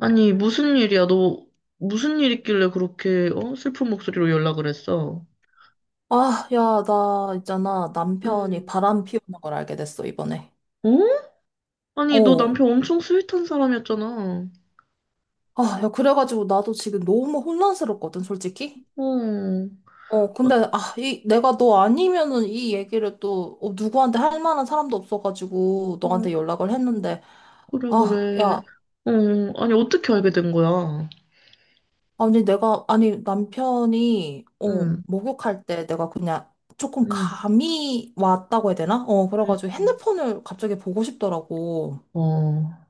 아니, 무슨 일이야? 너 무슨 일 있길래 그렇게 슬픈 목소리로 연락을 했어? 아, 야, 나 있잖아. 남편이 음, 바람 피우는 걸 알게 됐어, 이번에. 어? 아니, 너 어. 남편 엄청 스윗한 사람이었잖아. 아, 야, 그래가지고 나도 지금 너무 혼란스럽거든, 솔직히. 어, 근데, 아, 아, 이, 내가 너 아니면은 이 얘기를 또, 누구한테 할 만한 사람도 없어가지고 어, 너한테 연락을 했는데, 그래, 아, 그래. 야, 어, 아니, 어떻게 알게 된 거야? 아니, 내가, 아니, 남편이, 응, 목욕할 때 내가 그냥 조금 응, 감이 왔다고 해야 되나? 그래가지고 응 핸드폰을 갑자기 보고 싶더라고. 어,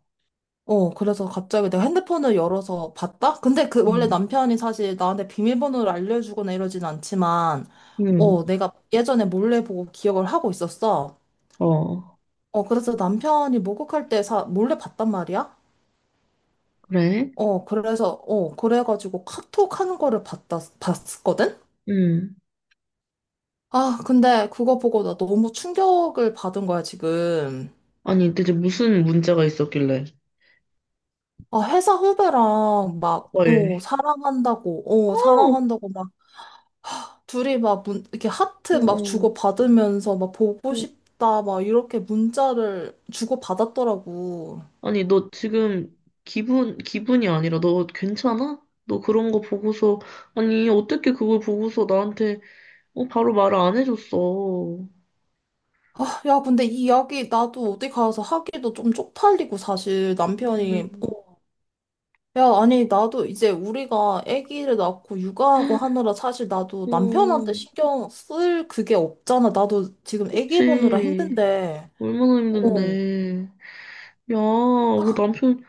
그래서 갑자기 내가 핸드폰을 열어서 봤다? 근데 그 원래 응, 남편이 사실 나한테 비밀번호를 알려주거나 이러진 않지만, 응, 내가 예전에 몰래 보고 기억을 하고 있었어. 어, 그래서 남편이 목욕할 때 사, 몰래 봤단 말이야? 그래? 그래서, 그래가지고 카톡 하는 거를 봤다, 봤거든? 응. 아, 근데 그거 보고 나 너무 충격을 받은 거야, 지금. 아니, 대체 무슨 문제가 있었길래? 아, 회사 후배랑 막, 헐. 사랑한다고, 어, 사랑한다고 둘이 막 문, 이렇게 하트 어, 막 어. 주고받으면서 막 보고 싶다 막 이렇게 문자를 주고받았더라고. 아니, 너 지금 기분이 아니라 너 괜찮아? 너 그런 거 보고서, 아니, 어떻게 그걸 보고서 나한테, 어, 바로 말을 안 해줬어. 아, 야, 근데 이 이야기 나도 어디 가서 하기도 좀 쪽팔리고 사실 남편이 어, 음, 야, 아니 나도 이제 우리가 아기를 낳고 육아하고 하느라 사실 나도 남편한테 어, 신경 쓸 그게 없잖아. 나도 지금 아기 보느라 그치. 힘든데. 얼마나 어. 힘든데. 야, 그 남편,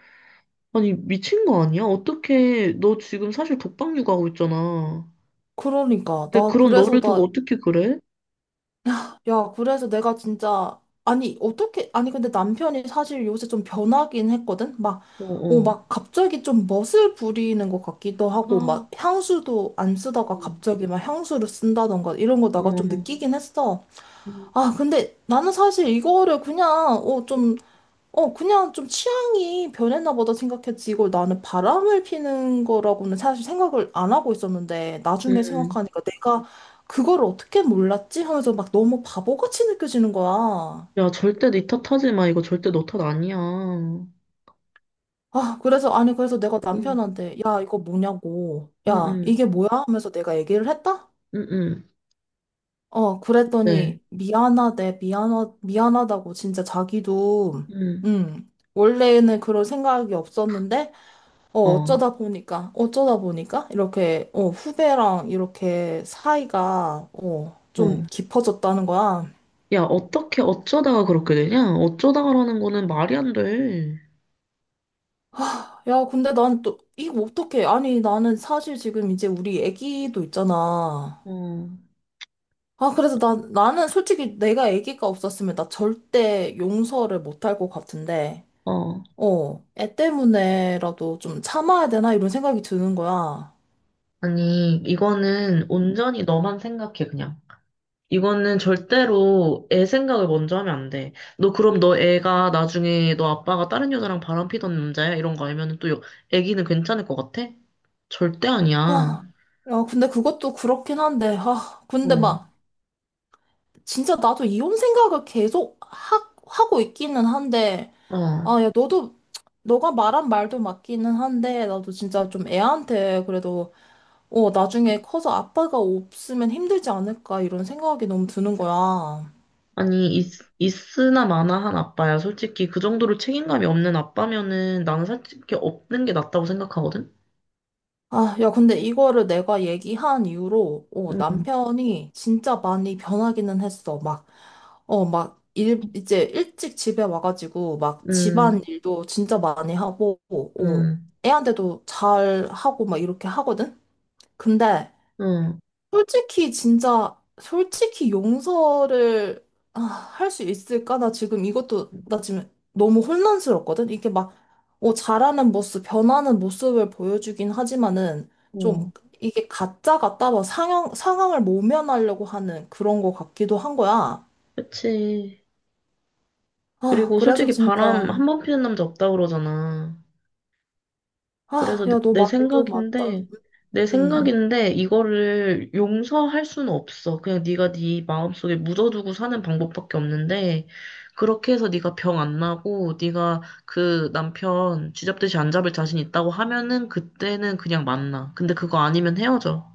아니, 미친 거 아니야? 어떻게, 너 지금 사실 독박 육아하고 있잖아. 그러니까 근데 나 그런 그래서 너를 두고 나 어떻게 그래? 야, 그래서 내가 진짜, 아니, 어떻게, 아니, 근데 남편이 사실 요새 좀 변하긴 했거든? 막, 어, 어. 막 갑자기 좀 멋을 부리는 것 같기도 하고, 아, 막 향수도 안 어, 쓰다가 갑자기 막 향수를 쓴다던가 이런 거 내가 좀 어. 느끼긴 했어. 음, 아, 근데 나는 사실 이거를 그냥, 어, 좀 어, 그냥 좀 취향이 변했나 보다 생각했지. 이걸 나는 바람을 피는 거라고는 사실 생각을 안 하고 있었는데, 나중에 음, 생각하니까 내가 그걸 어떻게 몰랐지? 하면서 막 너무 바보같이 느껴지는 거야. 야, 절대 네 탓 하지 마. 이거 절대 너 탓 아니야. 응, 아, 그래서, 아니, 그래서 내가 응, 남편한테, 야, 이거 뭐냐고. 야, 응, 이게 뭐야? 하면서 내가 얘기를 했다? 응, 응. 네. 그랬더니, 미안하대, 미안하, 미안하다고, 진짜 자기도, 응, 원래는 그런 생각이 없었는데, 어, 어쩌다 보니까, 어쩌다 보니까, 이렇게, 후배랑 이렇게 사이가, 좀 어. 깊어졌다는 거야. 야, 어떻게, 어쩌다가 그렇게 되냐? 어쩌다가라는 거는 말이 안 돼. 야, 근데 난 또, 이거 어떡해. 아니, 나는 사실 지금 이제 우리 애기도 있잖아. 어, 아, 그래서 난, 나는 솔직히 내가 애기가 없었으면 나 절대 용서를 못 할 것 같은데, 어. 애 때문에라도 좀 참아야 되나? 이런 생각이 드는 거야. 아니, 이거는 음. 온전히 너만 생각해, 그냥. 이거는 절대로 애 생각을 먼저 하면 안 돼. 너 그럼 너 애가 나중에 너 아빠가 다른 여자랑 바람 피던 남자야? 이런 거 알면 애기는 괜찮을 것 같아? 절대 아니야. 아, 야, 근데 그것도 그렇긴 한데, 아, 근데 어. 막, 진짜 나도 이혼 생각을 계속 하, 하고 있기는 한데, 어. 아, 야, 너도, 너가 말한 말도 맞기는 한데, 나도 진짜 좀 애한테 그래도, 나중에 커서 아빠가 없으면 힘들지 않을까, 이런 생각이 너무 드는 거야. 아니, 있, 있으나 마나 한 아빠야. 솔직히 그 정도로 책임감이 없는 아빠면은 나는 솔직히 없는 게 낫다고 생각하거든? 아, 야, 근데 이거를 내가 얘기한 이후로, 응, 남편이 진짜 많이 변하기는 했어. 막, 막, 일, 이제 일찍 집에 와가지고, 막, 집안 응, 일도 진짜 많이 하고, 어, 응, 애한테도 잘 하고, 막, 이렇게 하거든? 근데, 응. 솔직히 진짜 솔직히 용서를 아, 할 수 있을까? 나 지금 이것도 나 지금 너무 혼란스럽거든. 이게 막 잘하는 모습, 변하는 모습을 보여주긴 하지만은 좀 어, 이게 가짜 같다 막 상황을 모면하려고 하는 그런 거 같기도 한 거야. 그치. 아, 그리고 그래서 솔직히 진짜 바람 한 번 피는 남자 없다 그러잖아. 아, 야, 너 내 말도 맞다. 생각인데, 내 음. 생각인데 이거를 용서할 수는 없어. 그냥 네가 네 마음속에 묻어두고 사는 방법밖에 없는데 그렇게 해서 네가 병 안 나고 네가 그 남편 쥐잡듯이 안 잡을 자신 있다고 하면은 그때는 그냥 만나. 근데 그거 아니면 헤어져.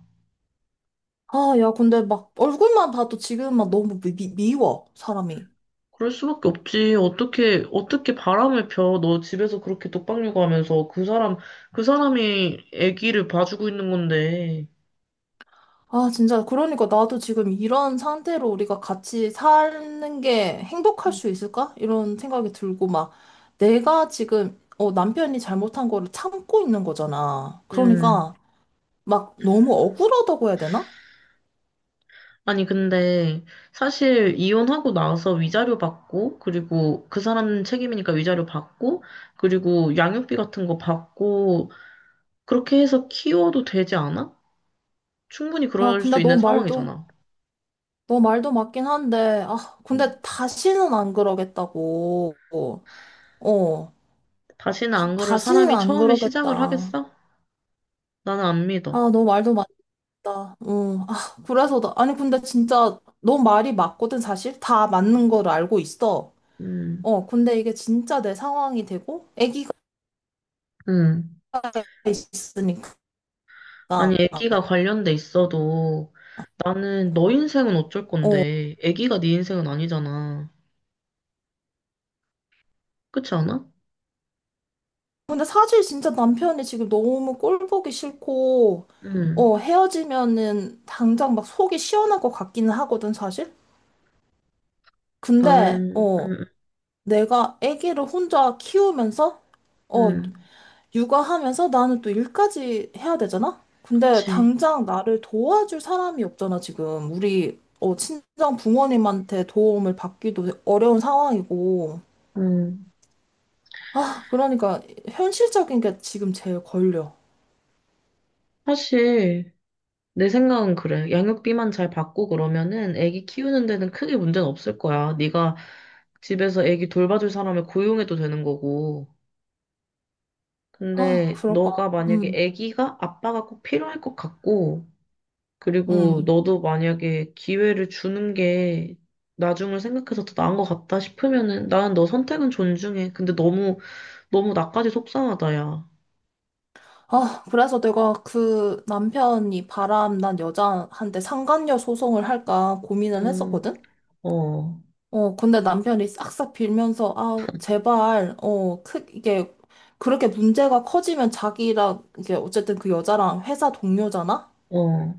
아, 야, 근데 막 얼굴만 봐도 지금 막 너무 미, 미- 미워, 사람이. 그럴 수밖에 없지. 어떻게 어떻게 바람을 펴? 너 집에서 그렇게 독박 육아하면서 그 사람 그 사람이 아기를 봐주고 있는 건데. 아, 진짜. 그러니까 나도 지금 이런 상태로 우리가 같이 사는 게 행복할 음. 수 있을까? 이런 생각이 들고, 막, 내가 지금, 남편이 잘못한 거를 참고 있는 거잖아. 음. 그러니까, 막, 너무 억울하다고 해야 되나? 아니, 근데 사실 이혼하고 나서 위자료 받고, 그리고 그 사람 책임이니까 위자료 받고, 그리고 양육비 같은 거 받고, 그렇게 해서 키워도 되지 않아? 충분히 야, 그럴 근데 수 너 있는 말도, 상황이잖아. 너 말도 맞긴 한데, 아, 음, 근데 다시는 안 그러겠다고. 어, 다시는 막 안 그럴 다시는 사람이 안 처음에 시작을 그러겠다. 하겠어? 나는 안 믿어. 아, 너 말도 맞 나, 어, 아, 그래서 나, 아니, 근데 진짜 너 말이 맞거든, 사실. 다 맞는 음. 걸 알고 있어. 음, 근데 이게 진짜 내 상황이 되고, 아기가 음. 있으니까. 아니, 애기가 관련돼 있어도 나는 너 인생은 어쩔 어, 건데, 애기가 네 인생은 아니잖아. 그렇지 않아? 근데 사실 진짜 남편이 지금 너무 꼴 보기 싫고, 음, 헤어지면은 당장 막 속이 시원할 것 같기는 하거든, 사실. 근데, 나는, 어, 내가 아기를 혼자 키우면서, 어, 음, 육아하면서 나는 또 일까지 해야 되잖아? 근데 그치. 당장 나를 도와줄 사람이 없잖아, 지금. 우리, 친정 부모님한테 도움을 받기도 어려운 상황이고. 음. 아, 그러니까 현실적인 게 지금 제일 걸려. 사실, 내 생각은 그래. 양육비만 잘 받고 그러면은 애기 키우는 데는 크게 문제는 없을 거야. 네가 집에서 애기 돌봐줄 사람을 고용해도 되는 거고. 아, 근데 그럴까? 너가 만약에 음, 애기가 아빠가 꼭 필요할 것 같고, 그리고 음. 너도 만약에 기회를 주는 게 나중을 생각해서 더 나은 것 같다 싶으면은 나는 너 선택은 존중해. 근데 너무, 너무 나까지 속상하다, 야. 아, 그래서 내가 그 남편이 바람난 여자한테 상간녀 소송을 할까 고민을 음, 했었거든? 어, 근데 남편이 싹싹 빌면서, 아, 제발, 어, 크, 이게, 그렇게 문제가 커지면 자기랑, 이게, 어쨌든 그 여자랑 회사 동료잖아? 어.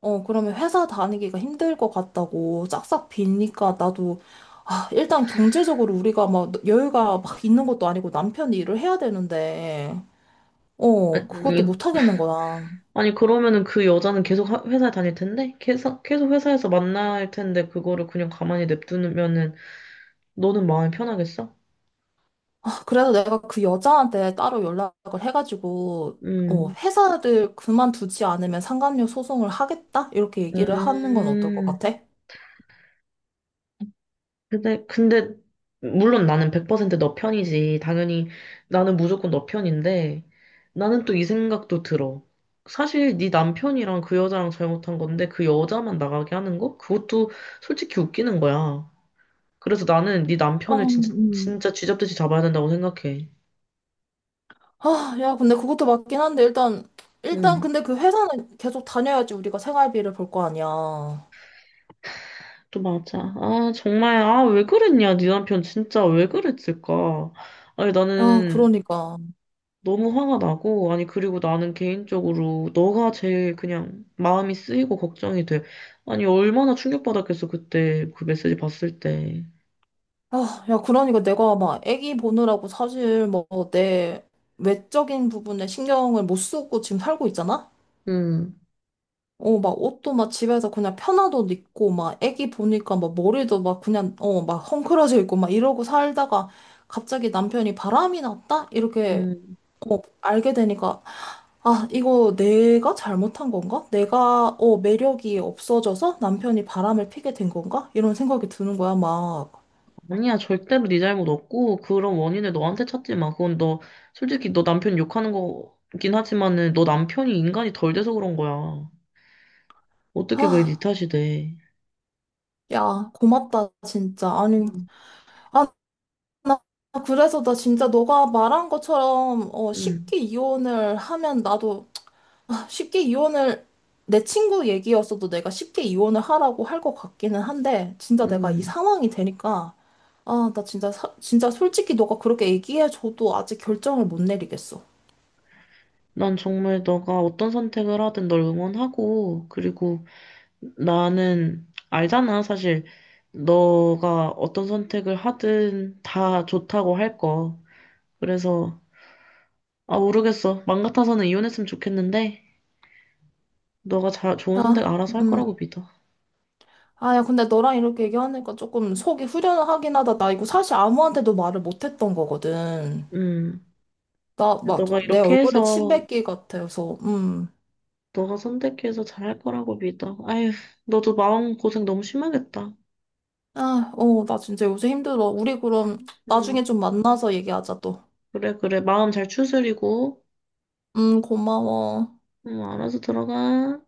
그러면 회사 다니기가 힘들 것 같다고 싹싹 빌니까 나도, 아, 일단 경제적으로 우리가 막 여유가 막 있는 것도 아니고 남편이 일을 해야 되는데, 아니, 그것도 못 하겠는 거야. 아니, 그러면은 회사에 다닐 텐데? 계속, 계속 회사에서 만날 텐데, 그거를 그냥 가만히 냅두면은, 너는 마음이 편하겠어? 그래서 내가 그 여자한테 따로 연락을 해가지고, 음, 회사를 그만두지 않으면 상감료 소송을 하겠다? 이렇게 얘기를 하는 건 어떨 것 음. 같아? 근데, 물론 나는 100% 너 편이지. 당연히, 나는 무조건 너 편인데, 나는 또 이 생각도 들어. 사실 네 남편이랑 그 여자랑 잘못한 건데, 그 여자만 나가게 하는 거? 그것도 솔직히 웃기는 거야. 그래서 나는 네 남편을 어, 진짜, 진짜 쥐잡듯이 잡아야 된다고 생각해. 아, 야, 근데 그것도 맞긴 한데, 일단, 일단, 음. 근데 그 회사는 계속 다녀야지 우리가 생활비를 벌 거 아니야. 또 맞아. 아, 정말, 아, 왜 그랬냐. 네 남편 진짜 왜 그랬을까. 아니, 야, 나는 그러니까. 너무 화가 나고, 아니, 그리고 나는 개인적으로 너가 제일 그냥 마음이 쓰이고 걱정이 돼. 아니, 얼마나 충격받았겠어, 그때 그 메시지 봤을 때. 아, 야, 그러니까 내가 막 애기 보느라고 사실 뭐 내 외적인 부분에 신경을 못 쓰고 지금 살고 있잖아? 음, 막 옷도 막 집에서 그냥 편한 옷 입고, 막 애기 보니까 막 머리도 막 그냥, 막 헝클어져 있고, 막 이러고 살다가 갑자기 남편이 바람이 났다? 이렇게 음, 알게 되니까, 아, 이거 내가 잘못한 건가? 내가, 매력이 없어져서 남편이 바람을 피게 된 건가? 이런 생각이 드는 거야, 막. 아니야, 절대로 네 잘못 없고, 그런 원인을 너한테 찾지 마. 그건 너, 솔직히 너 남편 욕하는 거긴 하지만은, 너 남편이 인간이 덜 돼서 그런 거야. 어떻게 그게 네 아, 탓이 돼. 야, 고맙다, 진짜. 아니, 음. 아, 나 그래서 나 진짜 너가 말한 것처럼, 음. 쉽게 이혼을 하면 나도 아, 쉽게 이혼을 내 친구 얘기였어도 내가 쉽게 이혼을 하라고 할 것 같기는 한데 진짜 내가 이 음, 상황이 되니까 아, 나 진짜 사- 진짜 솔직히 너가 그렇게 얘기해줘도 아직 결정을 못 내리겠어. 난 정말 너가 어떤 선택을 하든 널 응원하고, 그리고 나는 알잖아, 사실. 너가 어떤 선택을 하든 다 좋다고 할 거. 그래서, 아, 모르겠어. 맘 같아서는 이혼했으면 좋겠는데, 좋은 선택 야, 알아서 할 음, 거라고 믿어. 아, 야, 근데 너랑 이렇게 얘기하니까 조금 속이 후련하긴 하다. 나 이거 사실 아무한테도 말을 못했던 거거든. 음. 나 막 너가 내 이렇게 얼굴에 침 해서, 뱉기 같아서, 너가 선택해서 잘 할 거라고 믿어. 아휴, 너도 마음 고생 너무 심하겠다. 아, 어, 나 진짜 요새 힘들어. 우리 그럼 나중에 음. 좀 만나서 얘기하자 또. 그래, 그래. 마음 잘 추스리고, 고마워. 알아서 들어가.